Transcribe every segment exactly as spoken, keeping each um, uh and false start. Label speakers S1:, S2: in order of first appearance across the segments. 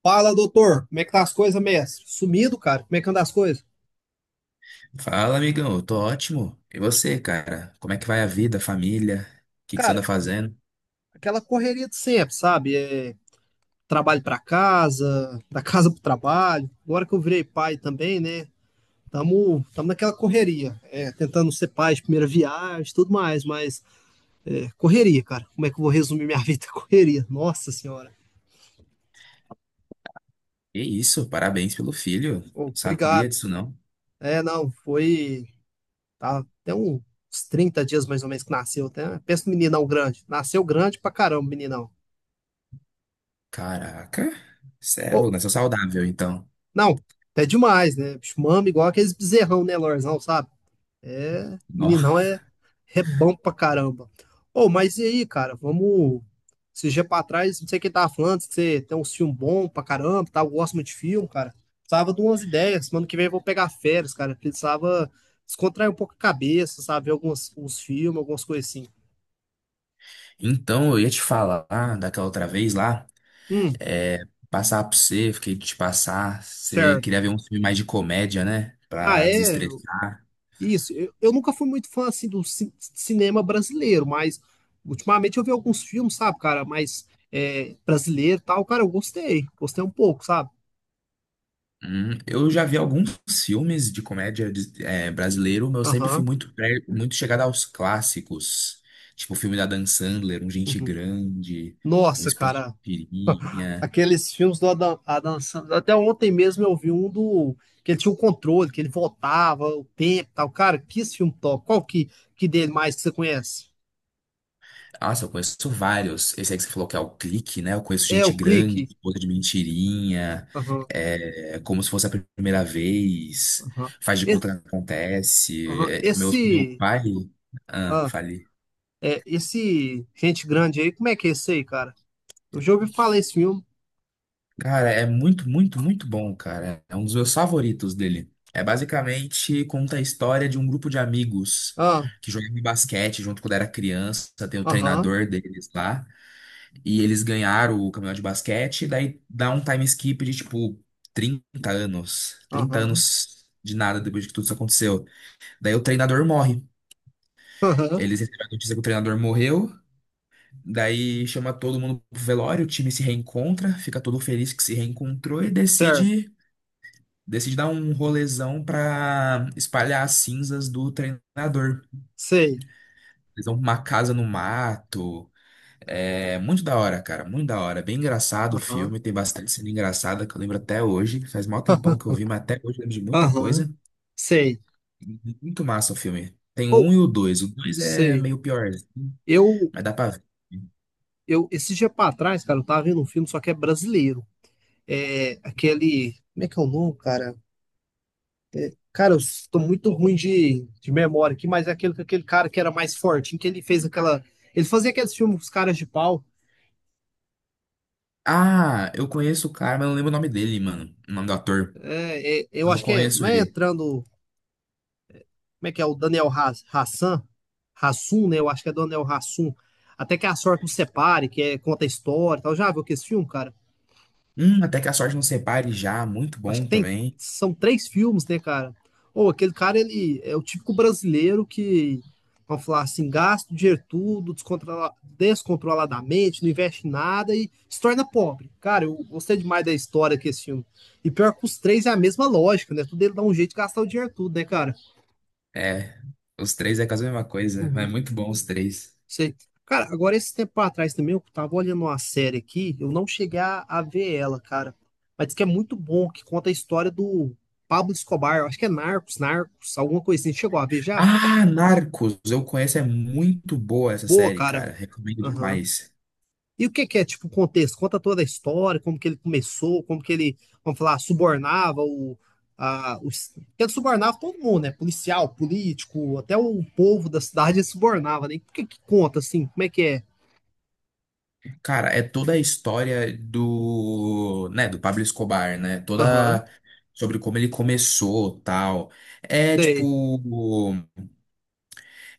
S1: Fala, doutor, como é que tá as coisas, mestre? Sumido, cara, como é que anda as coisas?
S2: Fala, amigão, eu tô ótimo. E você, cara? Como é que vai a vida, a família? O que que você
S1: Cara,
S2: anda fazendo?
S1: aquela correria de sempre, sabe? É, trabalho pra casa, da casa pro trabalho. Agora que eu virei pai também, né? Tamo, tamo naquela correria, é, tentando ser pai de primeira viagem, tudo mais, mas é, correria, cara. Como é que eu vou resumir minha vida? Correria, nossa senhora.
S2: Que isso, parabéns pelo filho.
S1: Ô,
S2: Não sabia
S1: obrigado.
S2: disso, não.
S1: É, não, foi tá, até um- uns trinta dias mais ou menos que nasceu. Até, pensa no meninão grande. Nasceu grande pra caramba, meninão.
S2: Caraca, cê é louco, né? Sou saudável, então.
S1: Não, é demais, né? Bicho, mama igual aqueles bezerrão, né, Lorzão, sabe? É,
S2: Nó.
S1: meninão é, é bom pra caramba. Ô, mas e aí, cara, vamos. Esses dias pra trás, não sei quem tava falando, que você tem um filme bom pra caramba, tá? Eu gosto muito de filme, cara. Precisava de umas ideias. Semana que vem eu vou pegar férias, cara. Precisava descontrair um pouco a cabeça, sabe? Ver alguns uns filmes, algumas coisas assim.
S2: Então, eu ia te falar daquela outra vez lá.
S1: Hum,
S2: É, Passar pra você, fiquei de te passar. Você
S1: certo.
S2: queria ver um filme mais de comédia, né?
S1: Ah,
S2: Pra
S1: é?
S2: desestressar.
S1: Isso, eu, eu nunca fui muito fã assim do ci- cinema brasileiro, mas ultimamente eu vi alguns filmes, sabe, cara, mas é, brasileiro e tal, cara, eu gostei, gostei um pouco, sabe?
S2: Hum, eu já vi alguns filmes de comédia de- é, brasileiro, mas eu sempre fui
S1: Aham.
S2: muito, pre- muito chegado aos clássicos. Tipo o filme da Dan Sandler, Um Gente
S1: Uhum.
S2: Grande, Um
S1: Nossa,
S2: Esposo de
S1: cara,
S2: Pirinha.
S1: aqueles filmes do Adam, Adam Sandler, até ontem mesmo eu vi um do que ele tinha o controle, que ele voltava o tempo, e tal, cara, que esse filme top. Qual que que dele mais que você conhece?
S2: Nossa, eu conheço vários. Esse aí que você falou que é o clique, né? Eu conheço
S1: É o
S2: gente grande,
S1: Clique.
S2: outra de mentirinha,
S1: Aham,
S2: é, como se fosse a primeira vez,
S1: aham.
S2: faz de
S1: Esse,
S2: conta que acontece.
S1: aham,
S2: É, meu, meu
S1: esse
S2: pai. Ah, falei.
S1: é, esse Gente Grande aí, como é que é esse aí, cara? Eu já ouvi falar esse filme.
S2: Cara, é muito, muito, muito bom, cara. É um dos meus favoritos dele. É basicamente conta a história de um grupo de amigos
S1: Ah,
S2: que jogava basquete junto quando era criança. Tem o
S1: aham,
S2: treinador deles lá. E eles ganharam o campeonato de basquete, e daí dá um time skip de tipo trinta anos. trinta
S1: aham,
S2: anos de nada depois que tudo isso aconteceu. Daí o treinador morre.
S1: aham,
S2: Eles recebem a notícia que o treinador morreu, daí chama todo mundo pro velório, o time se reencontra, fica todo feliz que se reencontrou e
S1: certo,
S2: decide, decide dar um rolezão pra espalhar as cinzas do treinador.
S1: sei,
S2: Eles vão pra uma casa no mato. É muito da hora, cara, muito da hora. Bem engraçado o
S1: aham,
S2: filme, tem bastante cena engraçada que eu lembro até hoje. Faz mal tempão que eu vi, mas até hoje eu lembro de muita
S1: aham,
S2: coisa.
S1: sei.
S2: E muito massa o filme. Tem o
S1: Ou,
S2: um e o dois. O dois é
S1: sei.
S2: meio pior,
S1: Eu,
S2: mas dá pra ver.
S1: eu, esse dia pra trás, cara, eu tava vendo um filme, só que é brasileiro. É aquele, como é que é o nome, cara? Cara, eu tô muito ruim de, de memória aqui, mas é aquele, aquele cara que era mais fortinho, que ele fez aquela, ele fazia aqueles filmes com os caras de pau.
S2: Ah, eu conheço o cara, mas não lembro o nome dele, mano. O nome do ator.
S1: É, é, eu
S2: Eu
S1: acho que é,
S2: conheço
S1: não é
S2: ele.
S1: entrando como é que é? O Daniel Ha- Hassan, Hassum, né? Eu acho que é Daniel Hassum. Até que a sorte nos separe, que é, conta a história e tal. Já viu que esse filme, cara?
S2: Hum, Até que a Sorte Não Separe já, muito
S1: Acho que
S2: bom
S1: tem,
S2: também.
S1: são três filmes, né, cara? Ou aquele cara, ele é o típico brasileiro que, vamos falar assim, gasta o dinheiro tudo, descontrola- descontroladamente, não investe em nada e se torna pobre. Cara, eu gostei demais da história que esse filme. E pior que os três é a mesma lógica, né? Tudo ele dá um jeito de gastar o dinheiro tudo, né, cara?
S2: É, os três é quase a mesma coisa, mas é
S1: Uhum.
S2: muito bom os três.
S1: Sei. Cara, agora esse tempo atrás também eu tava olhando uma série aqui, eu não cheguei a, a ver ela, cara. Mas diz que é muito bom, que conta a história do Pablo Escobar, eu acho que é Narcos, Narcos, alguma coisa assim. Chegou a ver já?
S2: Ah, Narcos, eu conheço, é muito boa essa
S1: Boa,
S2: série,
S1: cara.
S2: cara. Recomendo
S1: Aham.
S2: demais.
S1: E o que que é, tipo, o contexto? Conta toda a história, como que ele começou, como que ele, vamos falar, subornava o... A, os, ele subornava todo mundo, né? Policial, político, até o povo da cidade ele subornava, né? E o que que conta, assim? Como é que é?
S2: Cara, é toda a história do, né, do Pablo Escobar, né?
S1: Aham,
S2: Toda sobre como ele começou, tal. É
S1: sei.
S2: tipo,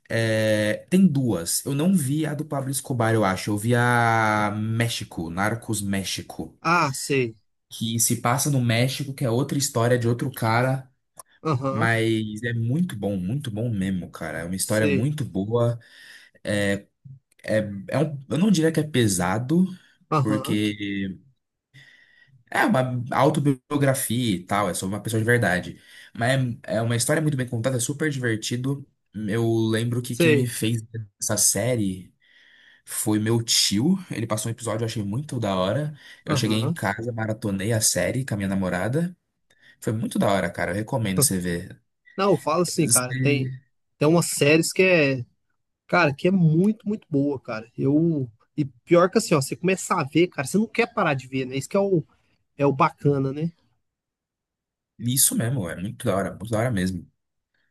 S2: é, tem duas. Eu não vi a do Pablo Escobar, eu acho. Eu vi a México, Narcos México,
S1: Ah, sei.
S2: que se passa no México, que é outra história de outro cara,
S1: Aham,
S2: mas é muito bom, muito bom mesmo, cara. É uma história
S1: sei.
S2: muito boa. É, é um, eu não diria que é pesado,
S1: Aham,
S2: porque é uma autobiografia e tal, é sobre uma pessoa de verdade. Mas é, é uma história muito bem contada, é super divertido. Eu lembro que quem
S1: sei.
S2: me fez essa série foi meu tio. Ele passou um episódio, eu achei muito da hora. Eu cheguei em
S1: Aham.
S2: casa, maratonei a série com a minha namorada. Foi muito da hora, cara. Eu recomendo você ver.
S1: Não, eu falo assim, cara, tem, tem umas séries que é, cara, que é muito, muito boa, cara. Eu, e pior que assim, ó, você começa a ver, cara, você não quer parar de ver, né? Isso que é o, é o bacana, né?
S2: Isso mesmo, é muito da hora, muito da hora mesmo.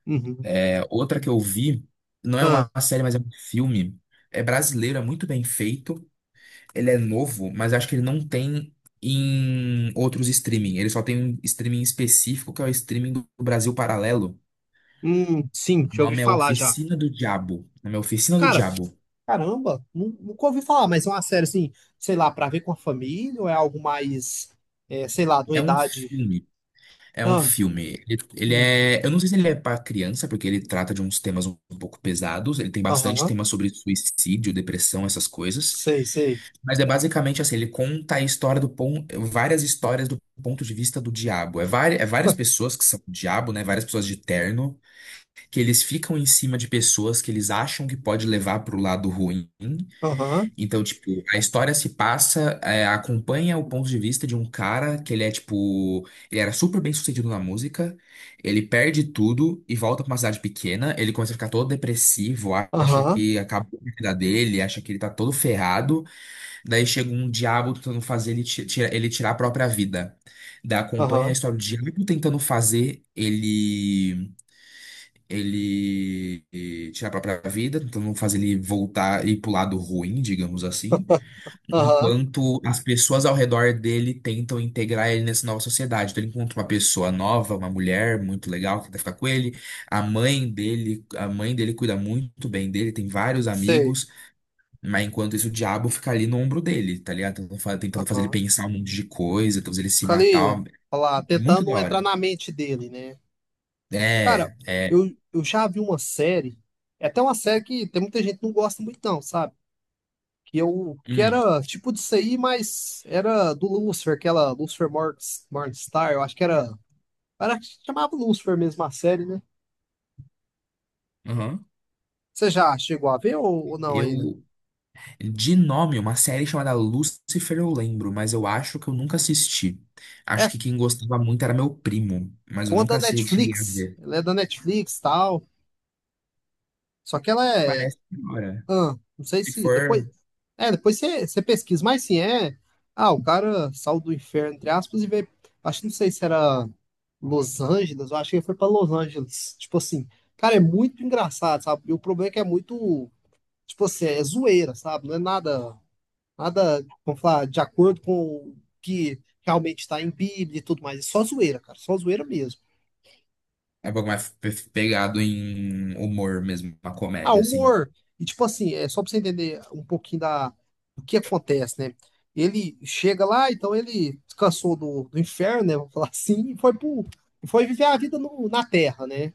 S1: Uhum.
S2: É, outra que eu vi, não é
S1: Ah,
S2: uma série, mas é um filme. É brasileiro, é muito bem feito. Ele é novo, mas acho que ele não tem em outros streaming. Ele só tem um streaming específico, que é o streaming do Brasil Paralelo.
S1: hum, sim,
S2: O
S1: já ouvi
S2: nome é
S1: falar já.
S2: Oficina do Diabo. O nome é Oficina do
S1: Cara,
S2: Diabo.
S1: caramba, nu- nunca ouvi falar, mas é uma série assim, sei lá, pra ver com a família ou é algo mais, é, sei lá, de uma
S2: É um
S1: idade.
S2: filme. É um
S1: Ah,
S2: filme. Ele, ele
S1: hum,
S2: é. Eu não sei se ele é para criança, porque ele trata de uns temas um pouco pesados. Ele tem bastante
S1: aham,
S2: tema sobre suicídio, depressão, essas coisas.
S1: sei, sei.
S2: Mas é basicamente assim, ele conta a história do ponto, várias histórias do ponto de vista do diabo. É, vari- é várias pessoas que são o diabo, né? Várias pessoas de terno, que eles ficam em cima de pessoas que eles acham que pode levar pro lado ruim.
S1: Aham,
S2: Então, tipo, a história se passa, é, acompanha o ponto de vista de um cara que ele é tipo, ele era super bem sucedido na música, ele perde tudo e volta pra uma cidade pequena, ele começa a ficar todo depressivo, acha
S1: aham,
S2: que acabou a vida dele, acha que ele tá todo ferrado. Daí chega um diabo tentando fazer ele, ti- tira- ele tirar a própria vida. Daí acompanha a
S1: aham.
S2: história do diabo tentando fazer ele ele eh, tirar a própria vida, tentando fazer ele voltar e ir pro lado ruim, digamos assim,
S1: Aham,
S2: enquanto as pessoas ao redor dele tentam integrar ele nessa nova sociedade. Então ele encontra uma pessoa nova, uma mulher muito legal que tenta ficar com ele, a mãe dele, a mãe dele cuida muito bem dele, tem vários
S1: sei.
S2: amigos. Mas enquanto isso, o diabo fica ali no ombro dele, tá ligado? Tentando fa- tentando fazer ele
S1: Aham.
S2: pensar um monte de coisa, tentando fazer ele se
S1: Fica ali,
S2: matar.
S1: falar,
S2: Muito
S1: tentando
S2: da
S1: entrar
S2: hora.
S1: na mente dele, né? Cara,
S2: É, é.
S1: eu, eu já vi uma série, é até uma série que tem muita gente que não gosta muito não, sabe? Que eu, que
S2: Hum,
S1: era tipo disso aí, mas era do Lucifer, aquela Lucifer Mor- Morningstar, eu acho que era, era que chamava Lucifer mesmo a série, né?
S2: aham.
S1: Você já chegou a ver ou, ou não ainda?
S2: Eu, de nome, uma série chamada Lucifer eu lembro, mas eu acho que eu nunca assisti.
S1: É,
S2: Acho
S1: é
S2: que quem gostava muito era meu primo, mas eu
S1: uma
S2: nunca
S1: da
S2: assi- cheguei a
S1: Netflix,
S2: ver.
S1: ela é da Netflix e tal, só que ela é,
S2: Parece que hora.
S1: ah, não sei
S2: Se
S1: se
S2: for,
S1: depois é, depois você você pesquisa, mas sim, é. Ah, o cara saiu do inferno, entre aspas, e veio. Acho que não sei se era Los Angeles, eu acho que ele foi pra Los Angeles. Tipo assim, cara, é muito engraçado, sabe? E o problema é que é muito. Tipo assim, é zoeira, sabe? Não é nada, nada, vamos falar, de acordo com o que realmente está em Bíblia e tudo mais. É só zoeira, cara, só zoeira mesmo.
S2: é um pouco mais pe- pegado em humor mesmo, uma
S1: Ah,
S2: comédia, assim.
S1: humor. E tipo assim, é só pra você entender um pouquinho da, do que acontece, né? Ele chega lá, então ele descansou do, do inferno, né? Vamos falar assim, e foi pro, e foi viver a vida no- na Terra, né?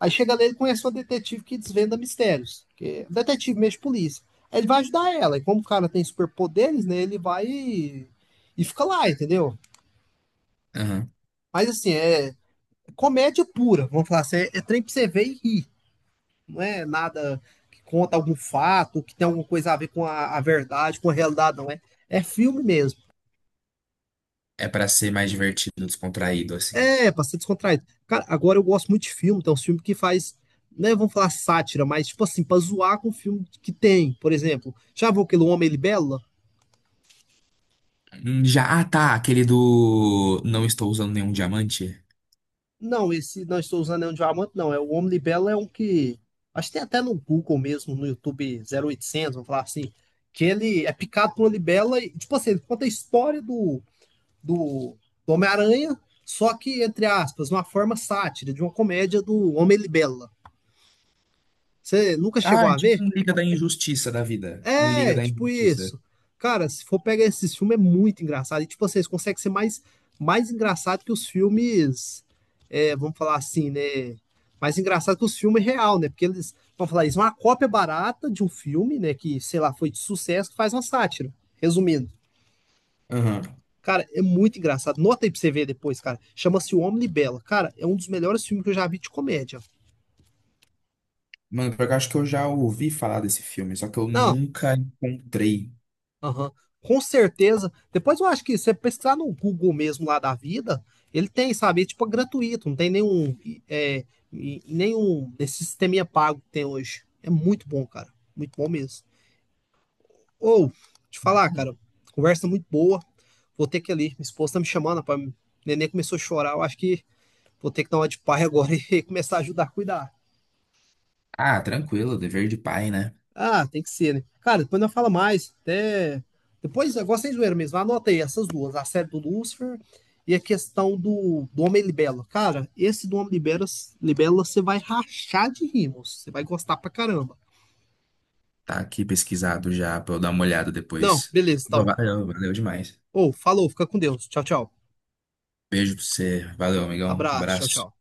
S1: Aí chega lá, ele conhece uma detetive que desvenda mistérios, que é um detetive mesmo de polícia. Aí ele vai ajudar ela, e como o cara tem superpoderes, né? Ele vai e, e fica lá, entendeu?
S2: Aham.
S1: Mas assim, é comédia pura, vamos falar assim, é, é trem pra você ver e rir. Não é nada que conta algum fato, que tem alguma coisa a ver com a, a verdade, com a realidade, não é. É filme mesmo.
S2: É pra ser mais divertido, descontraído, assim.
S1: É, pra ser descontraído. Cara, agora eu gosto muito de filme, tem uns filmes que faz, né, vamos falar sátira, mas tipo assim, pra zoar com o filme que tem, por exemplo. Já viu aquele Homem Libela?
S2: Hum, Já, ah, tá, aquele do não estou usando nenhum diamante.
S1: Não, esse Não Estou Usando Anel de Diamante, não. É, o Homem Libela é um que. Acho que tem até no Google mesmo, no YouTube zero oitocentos vamos falar assim. Que ele é picado por uma libela e, tipo assim, ele conta a história do, do, do Homem-Aranha, só que, entre aspas, uma forma sátira de uma comédia do Homem-Libela. Você nunca
S2: Ah,
S1: chegou
S2: é
S1: a
S2: tipo
S1: ver?
S2: um Liga da Injustiça da vida. Um Liga
S1: É,
S2: da
S1: tipo
S2: Injustiça.
S1: isso. Cara, se for pegar esses filmes, é muito engraçado. E, tipo, vocês conseguem ser mais, mais engraçado que os filmes, é, vamos falar assim, né? Mais engraçado que os filmes real, né? Porque eles, vamos falar isso, é uma cópia barata de um filme, né? Que, sei lá, foi de sucesso, que faz uma sátira. Resumindo.
S2: Aham.
S1: Cara, é muito engraçado. Nota aí pra você ver depois, cara. Chama-se O Homem Bela. Cara, é um dos melhores filmes que eu já vi de comédia.
S2: Mano, porque eu acho que eu já ouvi falar desse filme, só que eu
S1: Não,
S2: nunca encontrei.
S1: aham. Com certeza. Depois eu acho que se você pesquisar no Google mesmo lá da vida, ele tem, sabe? É tipo é gratuito, não tem nenhum, é, e- é, e nenhum desse sisteminha pago que tem hoje. É muito bom, cara. Muito bom mesmo. Ou, te falar, cara,
S2: Hum.
S1: conversa muito boa. Vou ter que ir ali. Minha esposa tá me chamando, rapaz. O neném começou a chorar. Eu acho que vou ter que dar uma de pai agora e começar a ajudar a cuidar.
S2: Ah, tranquilo, dever de pai, né?
S1: Ah, tem que ser, né? Cara, depois não fala mais. Até... Depois, agora sem zoeira mesmo, anota aí essas duas, a série do Lucifer e a questão do, do Homem Libelo. Cara, esse do Homem Libelo, Libelo você vai rachar de rimos. Você vai gostar pra caramba.
S2: Tá aqui pesquisado já pra eu dar uma olhada
S1: Não,
S2: depois.
S1: beleza,
S2: Não,
S1: então.
S2: valeu, valeu demais.
S1: Ou, falou, fica com Deus. Tchau, tchau.
S2: Beijo pra você. Valeu, amigão.
S1: Abraço, tchau,
S2: Abraço.
S1: tchau.